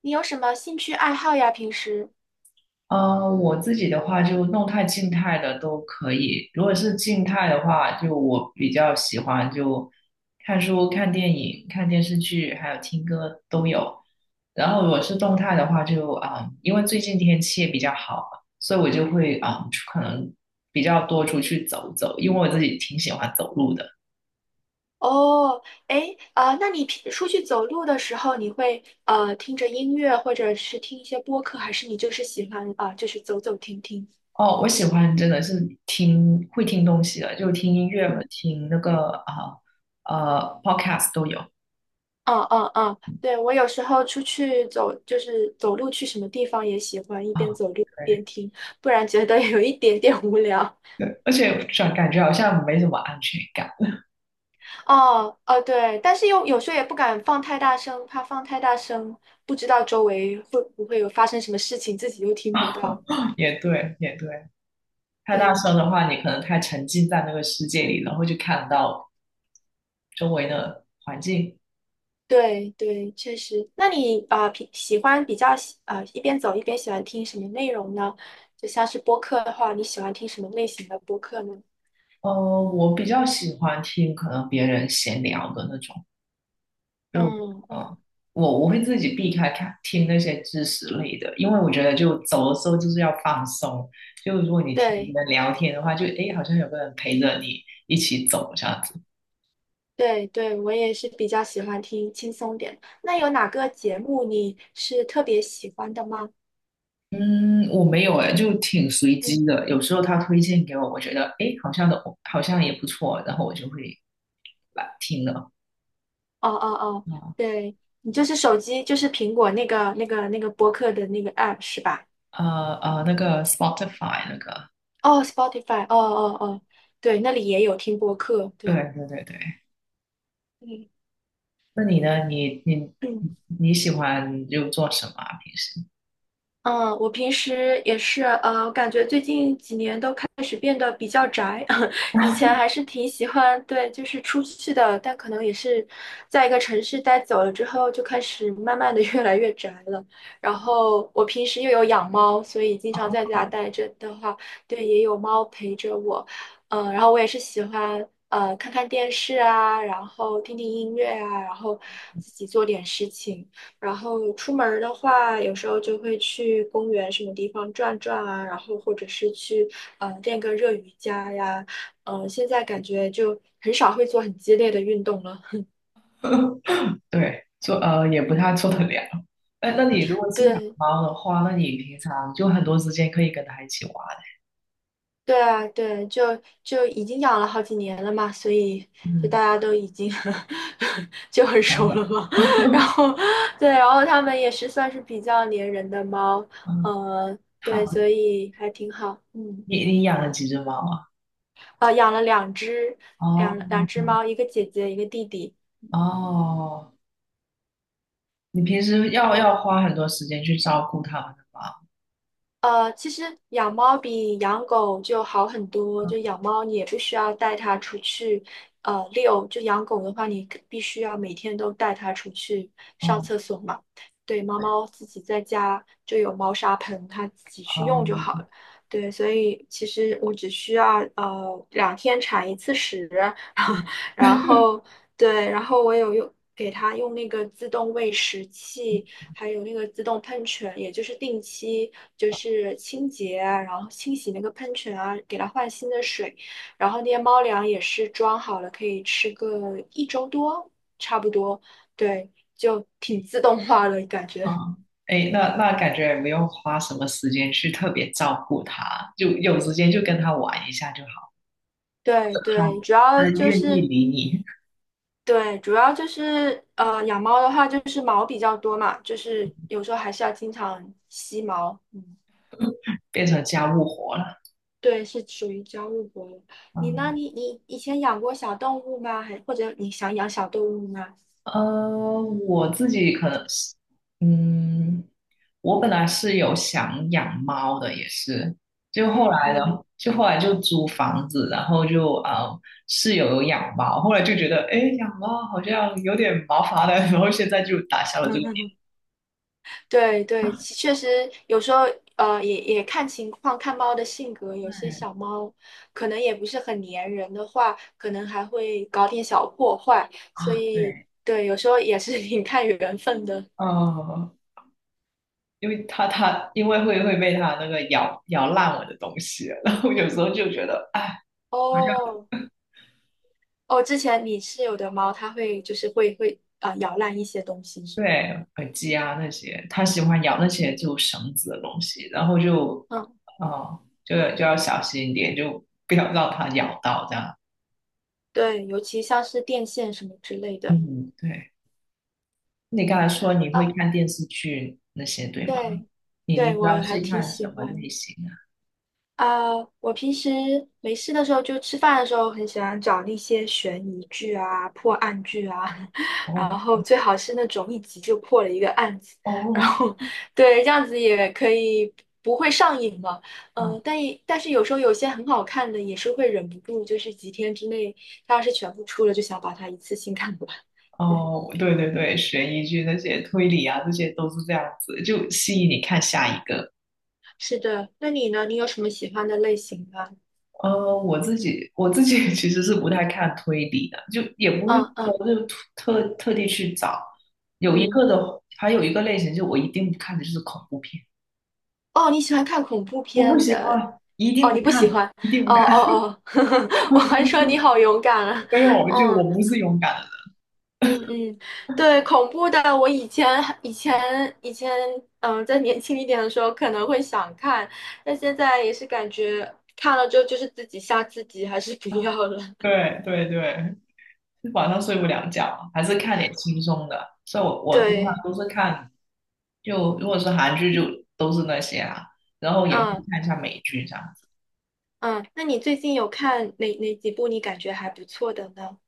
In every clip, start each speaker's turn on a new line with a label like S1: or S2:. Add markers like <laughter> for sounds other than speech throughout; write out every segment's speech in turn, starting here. S1: 你有什么兴趣爱好呀？平时？
S2: 嗯，我自己的话就动态、静态的都可以。如果是静态的话，就我比较喜欢就看书、看电影、看电视剧，还有听歌都有。然后如果是动态的话就，因为最近天气也比较好嘛，所以我就会可能比较多出去走走，因为我自己挺喜欢走路的。
S1: 哦，那你出去走路的时候，你会听着音乐，或者是听一些播客，还是你就是喜欢就是走走停停？
S2: 哦，我喜欢真的是听会听东西的，就听音乐和
S1: 嗯
S2: 听那个podcast 都有
S1: 嗯,对，我有时候出去走，就是走路去什么地方也喜欢一边
S2: 啊。
S1: 走路一边
S2: 对。
S1: 听，不然觉得有一点点无聊。
S2: 对，而且感觉好像没什么安全感。
S1: 哦哦，对，但是又有时候也不敢放太大声，怕放太大声，不知道周围会不会有发生什么事情，自己又听不到。
S2: <laughs> 也对，也对，太大
S1: 对。
S2: 声的话，你可能太沉浸在那个世界里，然后就看不到周围的环境。
S1: 对对，确实。那你啊，呃平、喜欢比较喜啊、一边走一边喜欢听什么内容呢？就像是播客的话，你喜欢听什么类型的播客呢？
S2: 呃，我比较喜欢听可能别人闲聊的那种，就
S1: 嗯
S2: 呃，
S1: 嗯。
S2: 我会自己避开看听那些知识类的，因为我觉得就走的时候就是要放松。就如果你听
S1: 对
S2: 人聊天的话，就诶，好像有个人陪着你一起走这样子。
S1: 对对，我也是比较喜欢听轻松点。那有哪个节目你是特别喜欢的吗？
S2: 嗯，我没有哎，就挺随
S1: 嗯，
S2: 机的。有时候他推荐给我，我觉得诶，好像的，好像也不错，然后我就会把听了。
S1: 哦哦哦，
S2: 啊
S1: 对，你就是手机，就是苹果那个播客的那个 app 是吧？
S2: 那个 Spotify 那个，
S1: 哦，Spotify,哦哦哦，对，那里也有听播客，
S2: 对
S1: 对，
S2: 对对对。
S1: 嗯
S2: 那你呢？你
S1: 嗯。
S2: 你喜欢就做什么啊？平时
S1: 嗯，我平时也是，我感觉最近几年都开始变得比较宅，<laughs> 以前
S2: <laughs>？
S1: 还是挺喜欢，对，就是出去的，但可能也是在一个城市待久了之后，就开始慢慢的 <laughs> 越来越宅了。然后我平时又有养猫，所以经常在
S2: 哦，
S1: 家待着的话，对，也有猫陪着我，然后我也是喜欢，看看电视啊，然后听听音乐啊，然后自己做点事情。然后出门儿的话，有时候就会去公园什么地方转转啊，然后或者是去练个热瑜伽呀，呃，现在感觉就很少会做很激烈的运动了。
S2: 对，做也不太做得了。哎，那你如果是养
S1: 对，
S2: 猫的话，那你平常就很多时间可以跟它一起玩。
S1: 对啊，对，就已经养了好几年了嘛，所以就大
S2: 嗯，
S1: 家都已经 <laughs> 就
S2: 好
S1: 很熟了
S2: 的
S1: 嘛。<laughs> 然
S2: <laughs>
S1: 后对，然后它们也是算是比较粘人的猫，
S2: 嗯，
S1: 呃，
S2: 它
S1: 对，
S2: 好，
S1: 所以还挺好，嗯。
S2: 你你养了几只猫啊？
S1: 呃，养了两只
S2: 哦
S1: 两只猫，一个姐姐，一个弟弟。
S2: 哦，你平时要花很多时间去照顾他们的吧？
S1: 呃，其实养猫比养狗就好很多。就养猫，你也不需要带它出去，呃，遛。就养狗的话，你可必须要每天都带它出去上厕
S2: 哦
S1: 所嘛。对，猫猫自己在家就有猫砂盆，它自己去
S2: 哦
S1: 用就好了。对，所以其实我只需要两天铲一次屎，<laughs> 然后对，然后我给它用那个自动喂食器。还有那个自动喷泉，也就是定期就是清洁啊，然后清洗那个喷泉啊，给它换新的水。然后那些猫粮也是装好了，可以吃个一周多，差不多。对，就挺自动化的感觉。
S2: 哦，哎，那那感觉也没有花什么时间去特别照顾他，就有时间就跟他玩一下就好了。
S1: 对
S2: 他
S1: 对，主要
S2: 他
S1: 就
S2: 愿意
S1: 是
S2: 理你，
S1: 对，主要就是养猫的话就是毛比较多嘛，就是有时候还是要经常吸毛。嗯
S2: 变成家务活了。
S1: 对，是属于家务活物。你呢？
S2: 嗯
S1: 你以前养过小动物吗？或者你想养小动物吗？
S2: 呃，我自己可能是，嗯，我本来是有想养猫的，也是，就后
S1: 嗯
S2: 来的，
S1: 嗯，
S2: 就后来就租房子，然后就室友有养猫，后来就觉得，哎，养猫好像有点麻烦了，然后现在就打消了这个
S1: <laughs> 对对，确实有时候也看情况，看猫的性格，有些
S2: 对
S1: 小猫可能也不是很粘人的话，可能还会搞点小破坏，所
S2: 啊，
S1: 以
S2: 对，
S1: 对，有时候也是 <laughs> 挺看缘分的。
S2: 呃，因为它因为会被它那个咬烂我的东西，然后有时候就觉得，哎。
S1: 哦哦，之前你室友的猫，它会就是会咬烂一些东西是吗？
S2: 对，耳机啊那些，他喜欢咬那
S1: 嗯
S2: 些就绳子的东西，然后就，哦，就要小心一点，就不要让它咬到这样。
S1: 对，尤其像是电线什么之类的，
S2: 嗯，对。你刚
S1: 嗯，
S2: 才说你会
S1: 啊，
S2: 看电视剧那些，对吗？
S1: 对，
S2: 你你
S1: 对，
S2: 主
S1: 我
S2: 要
S1: 还
S2: 是
S1: 挺
S2: 看什
S1: 喜
S2: 么类
S1: 欢
S2: 型啊？
S1: 啊。我平时没事的时候，就吃饭的时候，很喜欢找那些悬疑剧啊、破案剧啊，<laughs> 然
S2: 哦
S1: 后最好是那种一集就破了一个案子，然
S2: 哦
S1: 后对，这样子也可以不会上瘾嘛。
S2: <laughs> 啊
S1: 但是有时候有些很好看的，也是会忍不住，就是几天之内，它要是全部出了，就想把它一次性看完。<laughs> 对。
S2: 哦，对对对，悬疑剧那些推理啊，这些都是这样子，就吸引你看下一个。
S1: 是的，那你呢？你有什么喜欢的类型吗？
S2: 我自己 <laughs> 其实是不太看推理的，就也不会
S1: 嗯嗯
S2: 说就特地去找。有一
S1: 嗯，
S2: 个的，还有一个类型，就我一定不看的就是恐怖片，
S1: 哦，你喜欢看恐怖
S2: 我不
S1: 片
S2: 喜
S1: 的？
S2: 欢，一定
S1: 哦，你
S2: 不
S1: 不喜欢？
S2: 看，一定不
S1: 哦
S2: 看。
S1: 哦
S2: <laughs>
S1: 哦，<laughs> 我还说你好勇敢啊！
S2: 没有，就
S1: 嗯
S2: 我不是勇敢的人。
S1: 嗯嗯，对，恐怖的，我以前以前以前，嗯，在年轻一点的时候可能会想看，但现在也是感觉看了之后就是自己吓自己，还是不要了。
S2: 对对对，晚上睡不了觉，还是看点轻松的。所以我通常
S1: 对，
S2: 都是看，就如果是韩剧就都是那些啊，然后也会
S1: 嗯
S2: 看一下美剧这样。
S1: 嗯，那你最近有看哪几部你感觉还不错的呢？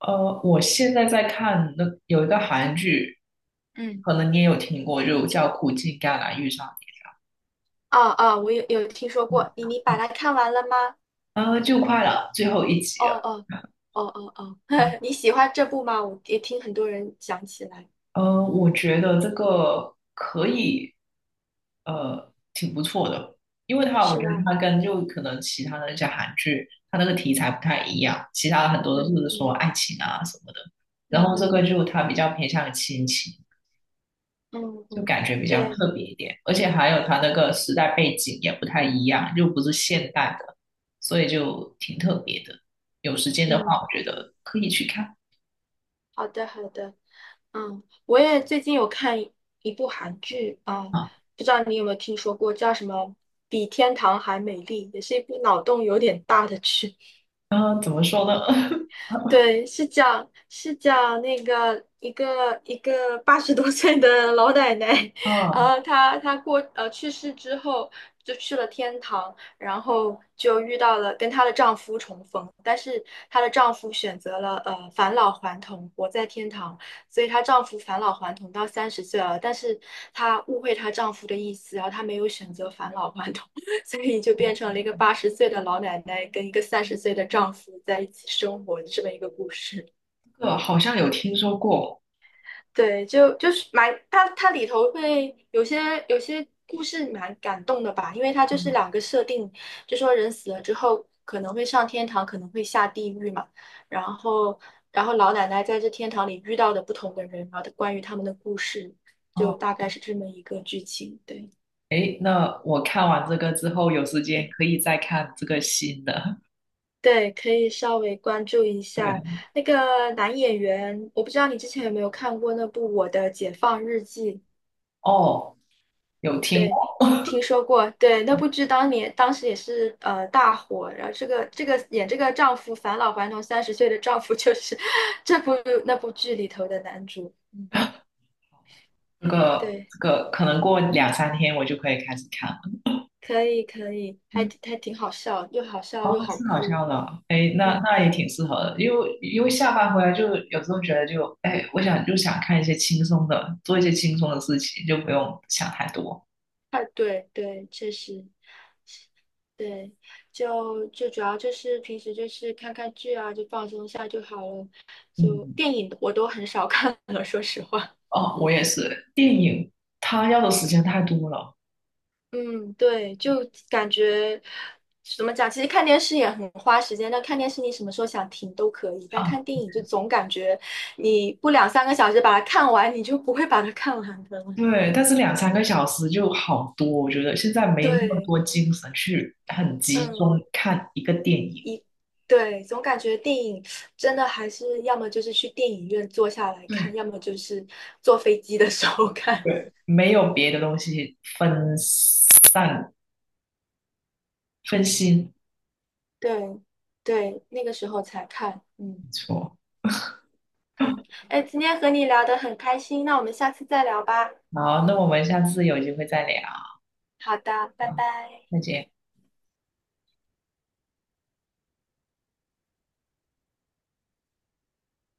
S2: 我现在在看那有一个韩剧，
S1: 嗯。
S2: 可能你也有听过，就叫《苦尽甘来遇上
S1: 啊啊，我有听说过，你你把它看完了吗？
S2: 你》，就快了，最后一集
S1: 哦
S2: 了
S1: 哦哦哦哦，
S2: 啊。
S1: <laughs> 你喜欢这部吗？我也听很多人讲起来，
S2: 我觉得这个可以，挺不错的，因为它我
S1: 是
S2: 觉得
S1: 吧？
S2: 它跟就可能其他的那些韩剧，它那个题材不太一样，其他的很多都
S1: 嗯
S2: 是说
S1: 嗯
S2: 爱情啊什么的，然
S1: 嗯
S2: 后这个
S1: 嗯
S2: 就它比较偏向于亲情。
S1: 嗯
S2: 就
S1: 嗯，
S2: 感觉比较
S1: 对，
S2: 特别一点，而且还有它那个时代背景也不太一样，又不是现代的，所以就挺特别的。有时间的话，
S1: 嗯，
S2: 我觉得可以去看
S1: 好的好的，嗯，我也最近有看一部韩剧啊，
S2: 啊。
S1: 不知道你有没有听说过，叫什么《比天堂还美丽》，也是一部脑洞有点大的剧。
S2: 怎么说呢？<laughs>
S1: 对，是讲那个一个80多岁的老奶奶，<laughs> 然
S2: 啊，
S1: 后她去世之后就去了天堂，然后就遇到了跟她的丈夫重逢，但是她的丈夫选择了返老还童，活在天堂，所以她丈夫返老还童到三十岁了，但是她误会她丈夫的意思，然后她没有选择返老还童。所以就变成了一个80岁的老奶奶跟一个三十岁的丈夫在一起生活的这么一个故事。
S2: 这个好像有听说过，
S1: 对，就就是蛮它里头会有些有些故事蛮感动的吧，因为它就是
S2: 嗯，
S1: 两个设定，就说人死了之后可能会上天堂，可能会下地狱嘛，然后然后老奶奶在这天堂里遇到的不同的人，然后关于他们的故事，就
S2: 哦，
S1: 大概是这么一个剧情。对
S2: 诶，那我看完这个之后，有时间
S1: 对，
S2: 可以再看这个新的。
S1: 对，可以稍微关注一
S2: <laughs>
S1: 下
S2: 对，
S1: 那个男演员，我不知道你之前有没有看过那部《我的解放日记》？
S2: 哦，有听
S1: 对，
S2: 过
S1: 听说过。对，那部剧当时也是大火，然后这个演丈夫返老还童三十岁的丈夫就是 <laughs> 这部那部剧里头的男主。嗯，
S2: 这个，
S1: 对，
S2: 这个可能过两三天我就可以开始看了。
S1: 可以可以，还挺好笑，又好
S2: 哦，
S1: 笑又好
S2: 是好
S1: 哭。
S2: 笑的，哎，那
S1: 嗯
S2: 那也
S1: 嗯，
S2: 挺适合的，因为因为下班回来就有时候觉得就，哎，我想就想看一些轻松的，做一些轻松的事情，就不用想太多。
S1: 啊，对对，确实。对，就主要就是平时就是看看剧啊，就放松一下就好了。就
S2: 嗯，
S1: 电影我都很少 <laughs> 看了，说实话。
S2: 哦，我也是，电影它要的时间太多了
S1: 嗯，对，就感觉怎么讲？其实看电视也很花时间，但看电视你什么时候想停都可以，但
S2: 啊，
S1: 看电影就总感觉你不两三个小时把它看完，你就不会把它看完的了
S2: 对，但是两三个小时就好多，我觉得现在
S1: <laughs>
S2: 没那么
S1: 对，
S2: 多精神去很集中
S1: 嗯，
S2: 看一个电影。
S1: 对，总感觉电影真的还是要么就是去电影院坐下来
S2: 对
S1: 看，要么就是坐飞机的时候 <laughs> 看。
S2: 对，没有别的东西分散分心，
S1: 对对，那个时候才看，嗯
S2: 没错。
S1: 嗯，哎，今天和你聊得很开心，那我们下次再聊吧。
S2: 好，那我们下次有机会再聊。
S1: 好的，拜
S2: 好，
S1: 拜。
S2: 再见。